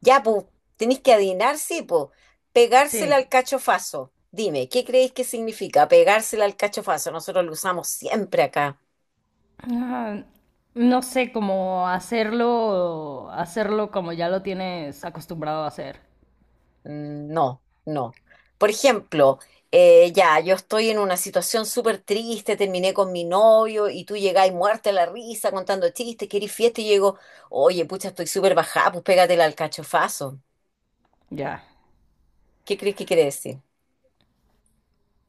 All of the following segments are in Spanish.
Ya, pues, tenéis que adivinar, sí, pues. Pegársela Sí. al cachofazo. Dime, ¿qué creéis que significa pegársela al cachofazo? Nosotros lo usamos siempre acá. Ah, no sé cómo hacerlo como ya lo tienes acostumbrado a hacer. Mm, no, no. Por ejemplo, ya, yo estoy en una situación súper triste, terminé con mi novio y tú llegáis muerta a la risa contando chistes, querís fiesta y llego, oye, pucha, estoy súper bajada, pues pégatela al cachofazo. Ya. ¿Qué crees que quiere decir?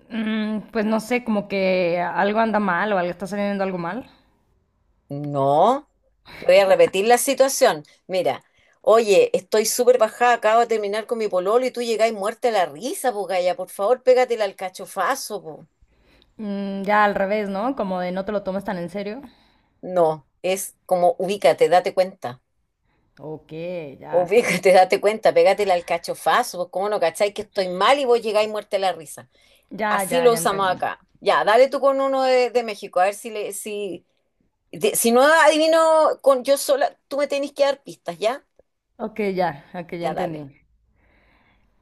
Pues no sé, como que algo anda mal o algo está saliendo algo mal. No, te voy a repetir la situación. Mira, oye, estoy súper bajada, acabo de terminar con mi pololo y tú llegáis muerta a la risa, pues Gaya, por favor, pégatela al cachofazo, po. Mm, ya al revés, ¿no? Como de no te lo tomes tan en serio. No, es como ubícate, date cuenta. Ok, ya. Ubícate, date cuenta, pégatela al cachofazo, pues cómo no cacháis que estoy mal y vos llegáis muerta a la risa. Ya, Así ya, lo ya usamos entendí. acá. Ya, dale tú con uno de México, a ver si le, si, si no adivino con yo sola, tú me tenés que dar pistas, ¿ya? Ok, ya, ok, ya Ya, entendí. dale,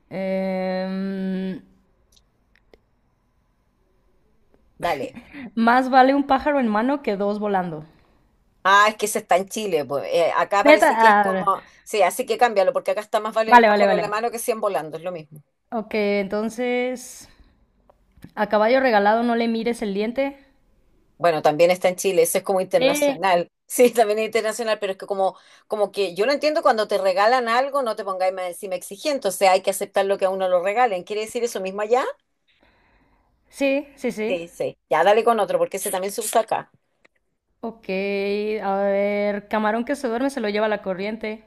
Em, dale. Más vale un pájaro en mano que dos volando. Ah, es que ese está en Chile, pues. Acá Neta, parece que es ah, como, sí, así que cámbialo, porque acá está más vale el vale, vale, pájaro en la vale. mano que 100 volando, es lo mismo. Ok, entonces. A caballo regalado no le mires el diente. Bueno, también está en Chile, eso es como Sí. internacional. Sí, también es internacional, pero es que como, como que yo lo entiendo cuando te regalan algo, no te pongáis más encima exigente, o sea, hay que aceptar lo que a uno lo regalen. ¿Quiere decir eso mismo allá? Sí, sí, sí. Sí, sí. Ya dale con otro, porque ese también se usa acá. Ok, a ver, camarón que se duerme se lo lleva la corriente.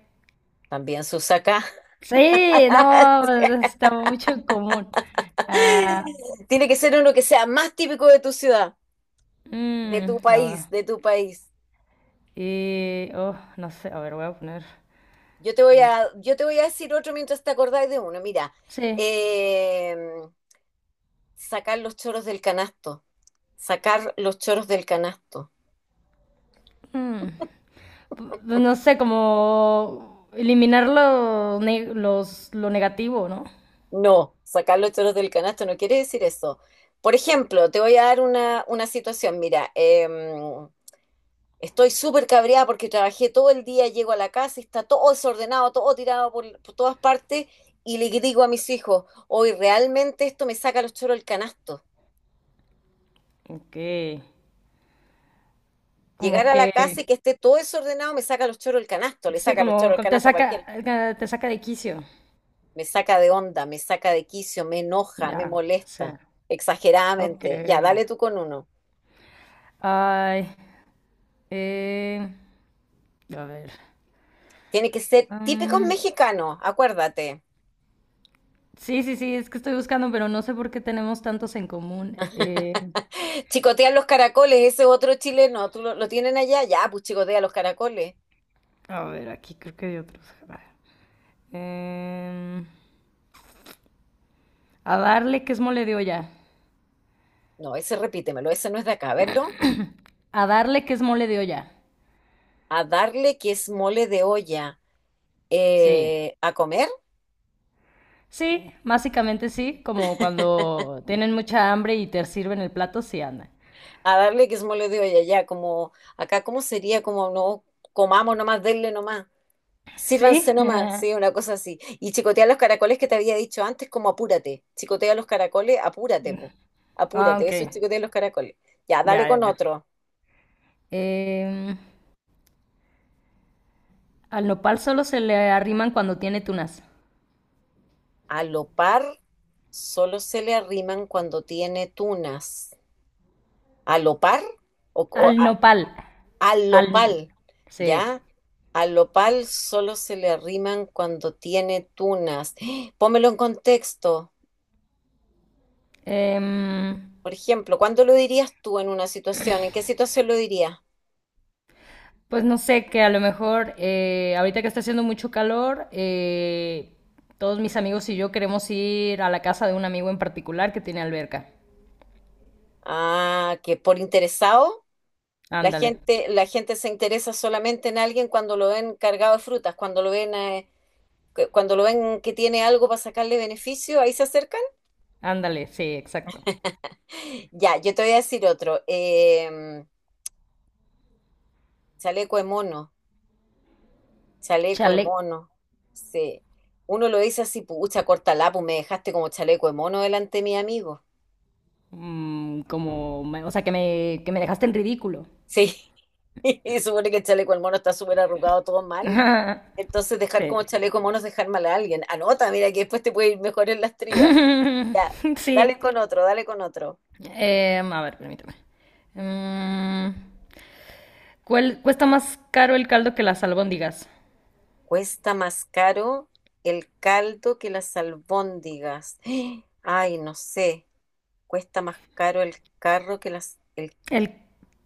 También se usa acá. Sí, no, está mucho en común. Ah, Tiene que ser uno que sea más típico de tu ciudad, de tu mm, a ver. país, de tu país. Y, oh, no sé, a ver, voy a poner más. Yo te voy a decir otro mientras te acordáis de uno. Mira, Sí. eh, sacar los choros del canasto. Sacar los choros del canasto. mm, pues no sé, como eliminar los, lo negativo, ¿no? No, sacar los choros del canasto no quiere decir eso. Por ejemplo, te voy a dar una situación. Mira, estoy súper cabreada porque trabajé todo el día, llego a la casa y está todo desordenado, todo tirado por todas partes y le digo a mis hijos, hoy realmente esto me saca los choros del canasto. Ok, Llegar como... a la casa y que... que esté todo desordenado me saca los choros del canasto, le Sí, saca los choros como del como canasto a cualquiera. Te saca de quicio. Me saca de onda, me saca de quicio, me enoja, me Ya, sí. molesta, Ok. exageradamente. Ya, dale tú con uno. Ay, eh, a ver. Tiene que ser típicos Mm, mexicanos, acuérdate. sí, sí, sí, es que estoy buscando, pero no sé por qué tenemos tantos en común. Chicotean los caracoles, ese otro chileno, ¿tú lo tienen allá? Ya, pues chicotea los caracoles. A ver, aquí creo que hay otros. A ver. Em, a darle que es mole de olla. No, ese repítemelo, ese no es de acá, ¿verlo? A darle que es mole de olla. A darle que es mole de olla. Sí. A comer, Sí, básicamente sí, como cuando tienen mucha hambre y te sirven el plato, sí anda. a darle que se me de hoy ya como acá, ¿cómo sería? Como no comamos nomás, denle nomás, ¿Sí? sírvanse nomás, sí, una cosa así. Y chicotea los caracoles que te había dicho antes, como apúrate, chicotea los caracoles, apúrate, po. Ah, Apúrate, ok. eso es chicotea los caracoles. Ya, dale Ya, ya, con ya. otro. Em, Al nopal solo se le arriman cuando tiene tunas. A lo par solo se le arriman cuando tiene tunas. ¿A lo par? O Al nopal. al Al... lopal, Sí. ¿ya? Al lopal solo se le arriman cuando tiene tunas. ¡Ah! Pómelo en contexto. Em, Por ejemplo, ¿cuándo lo dirías tú en una situación? ¿En qué situación lo dirías? pues no sé, que a lo mejor ahorita que está haciendo mucho calor, todos mis amigos y yo queremos ir a la casa de un amigo en particular que tiene alberca. Ah, que por interesado, Ándale, la gente se interesa solamente en alguien cuando lo ven cargado de frutas, cuando lo ven, cuando lo ven que tiene algo para sacarle beneficio, ahí se acercan. ándale, sí, exacto. Ya, yo te voy a decir otro. Chaleco de mono. Chaleco de Chale. mono. Sí. Uno lo dice así, pucha, corta pues me dejaste como chaleco de mono delante de mi amigo. Mm, como, o sea, que me dejaste en ridículo. Sí. Y supone que el chaleco de mono está súper arrugado, todo mal. Entonces, dejar Sí. como chaleco de mono es dejar mal a alguien. Anota, mira, que después te puede ir mejor en las trías. Ya. Sí. Dale con otro, dale con otro. A ver, permíteme. Mm, ¿Cuál cuesta más caro el caldo que las albóndigas? ¿Cuesta más caro el caldo que las albóndigas? Ay, no sé. Cuesta más caro el carro que las, el El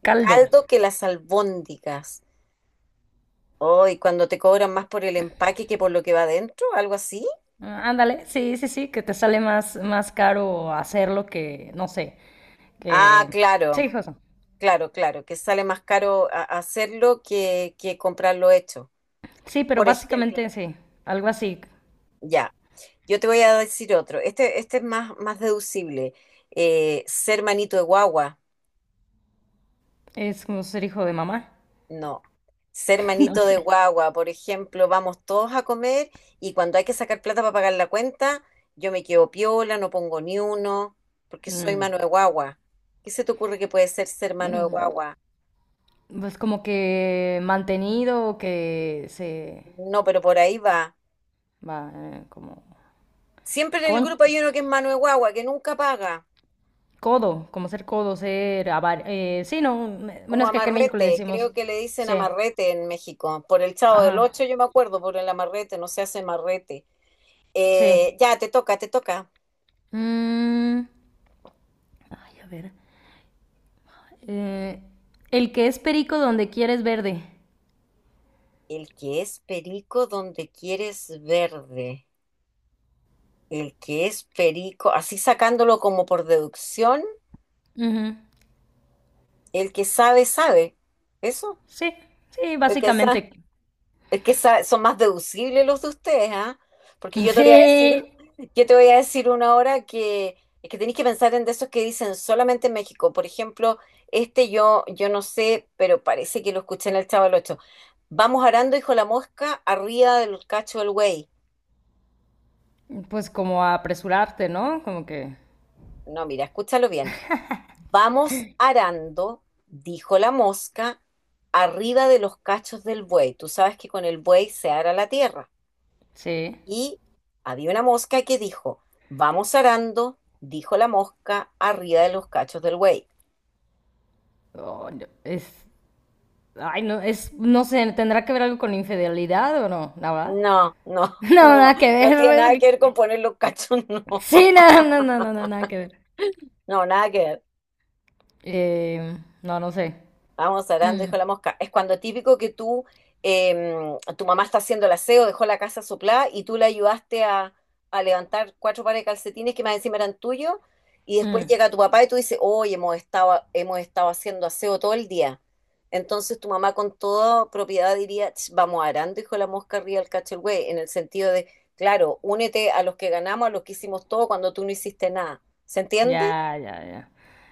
caldo. caldo que las albóndigas. Oh, y cuando te cobran más por el empaque que por lo que va adentro, algo así. Ah, ándale, sí, sí, sí, que te sale más, más caro hacerlo que, no sé, Ah, que... Sí, claro, hijo. claro, claro, que sale más caro hacerlo que comprarlo hecho. Sí, pero Por ejemplo, básicamente sí, algo así. ya, yo te voy a decir otro. Este es más, más deducible. Ser manito de guagua. Es como ser hijo de mamá. No. Ser No manito sé. de guagua, por ejemplo, vamos todos a comer y cuando hay que sacar plata para pagar la cuenta, yo me quedo piola, no pongo ni uno, porque soy Mm, mano de guagua. ¿Qué se te ocurre que puede ser ser mano de mm, guagua? Pues como que mantenido, que se No, pero por ahí va. va como... Siempre en el Con... grupo hay uno que es mano de guagua, que nunca paga, Codo, como ser codo, ser sí, no, me- bueno, como es que acá en México le amarrete, decimos, creo que le dicen sí, amarrete en México. Por el Chavo del ajá, Ocho yo me acuerdo, por el amarrete, no se hace amarrete. Sí. Ya, te toca, te toca. Mm, Ay, a ver, eh, el que es perico donde quieres verde. El que es perico donde quieres verde. El que es perico, así sacándolo como por deducción, Ujú, el que sabe, sabe. ¿Eso? sí, sí, El que sabe, básicamente, el que sabe, son más deducibles los de ustedes, ¿ah? Porque yo te voy a sí, decir, yo te voy a decir una hora que es que tenéis que pensar en de esos que dicen solamente en México. Por ejemplo, yo no sé, pero parece que lo escuché en el Chavo del Ocho. Vamos arando, hijo la mosca, arriba del cacho del güey. pues como apresurarte, ¿no? Como que, No, mira, escúchalo bien. Vamos arando, dijo la mosca, arriba de los cachos del buey. Tú sabes que con el buey se ara la tierra. sí. Y había una mosca que dijo, vamos arando, dijo la mosca, arriba de los cachos del buey. Oh, no, es, ay, no, es, no sé, ¿tendrá que ver algo con infidelidad o no? Nada, No, no, no, no, nada que no tiene nada que ver con ver, poner los cachos, no, sí, no, no, no, no, no, nada que ver. no, nada que ver. No, no sé. Vamos hablando, Mm, dijo la mosca. Es cuando típico que tú, tu mamá está haciendo el aseo, dejó la casa soplada y tú le ayudaste a levantar cuatro pares de calcetines que más encima eran tuyos y después mm, llega tu papá y tú dices, oye hemos estado haciendo aseo todo el día. Entonces tu mamá con toda propiedad diría, "Ch, vamos arando, dijo la mosca arriba del cacho el güey", en el sentido de, claro, únete a los que ganamos, a los que hicimos todo cuando tú no hiciste nada. ¿Se entiende? ya, ya, ya.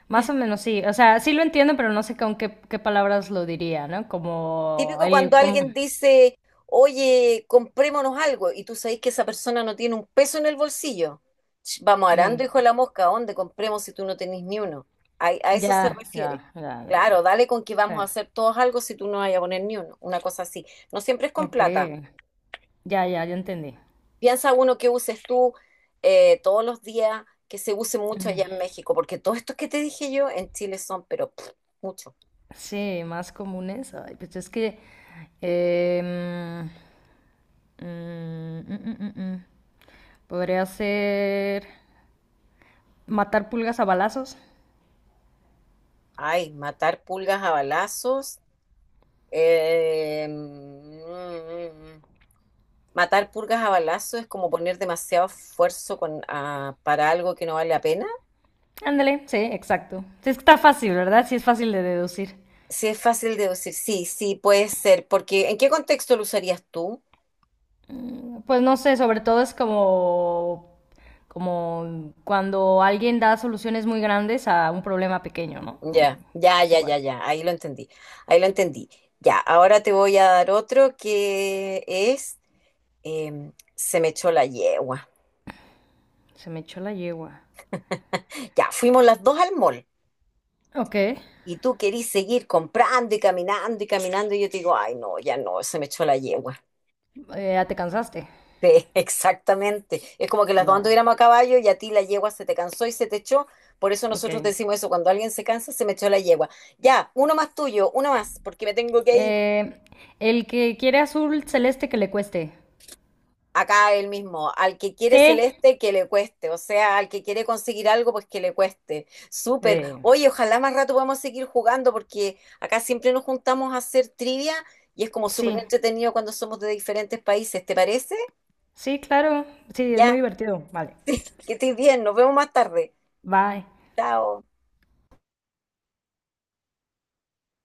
Más o menos sí. O sea, sí lo entiendo, pero no sé con qué, qué palabras lo diría, ¿no? Como Típico cuando el... Como, alguien dice, oye, comprémonos algo, y tú sabes que esa persona no tiene un peso en el bolsillo. Ch, vamos mm, arando, hijo de la mosca, ¿a dónde compremos si tú no tenés ni uno? A eso se ya, ya, refiere. ya, ya, ya. Claro, dale con que vamos a Eh, hacer todos algo si tú no vas a poner ni uno, una cosa así. No siempre es con ok. plata. Ya, ya, ya entendí. Piensa uno que uses tú todos los días, que se use mucho Mm, allá en México, porque todos estos que te dije yo en Chile son, pero pff, mucho. sí, más comunes. Ay, pues es que... em, mm, mm, mm, mm, mm. Podría ser matar pulgas a balazos. Ay, matar pulgas a balazos. Mm, matar purgas a balazo es como poner demasiado esfuerzo con, para algo que no vale la pena. Ándale, sí, exacto. Sí, está fácil, ¿verdad? Sí, es fácil de deducir. Sí, es fácil de decir, sí, sí, puede ser, porque ¿en qué contexto lo usarías tú? Pues no sé, sobre todo es como, como cuando alguien da soluciones muy grandes a un problema pequeño, ¿no? Ya, ya, Es ya, ya, igual. ya, ahí lo entendí, ahí lo entendí. Ya, ahora te voy a dar otro que es, se me echó la yegua. Se me echó la yegua. Ya, fuimos las dos al mall Ok. Y tú querís seguir comprando y caminando y caminando y yo te digo, ay, no, ya no, se me echó la yegua. Ya te cansaste. Sí, exactamente. Es como que las dos No. anduviéramos a caballo y a ti la yegua se te cansó y se te echó. Por eso Ok. nosotros decimos eso, cuando alguien se cansa, se me echó la yegua. Ya, uno más tuyo, uno más, porque me tengo que ir. Eh, el que quiere azul celeste que le cueste. Acá el mismo, al que quiere Sí. celeste, que le cueste. O sea, al que quiere conseguir algo, pues que le cueste. Súper. Eh, Oye, ojalá más rato podamos seguir jugando, porque acá siempre nos juntamos a hacer trivia y es como sí. súper entretenido cuando somos de diferentes países. ¿Te parece? Sí, claro. Sí, es muy Ya, divertido. Vale. que estés bien. Nos vemos más tarde. Bye. Chao.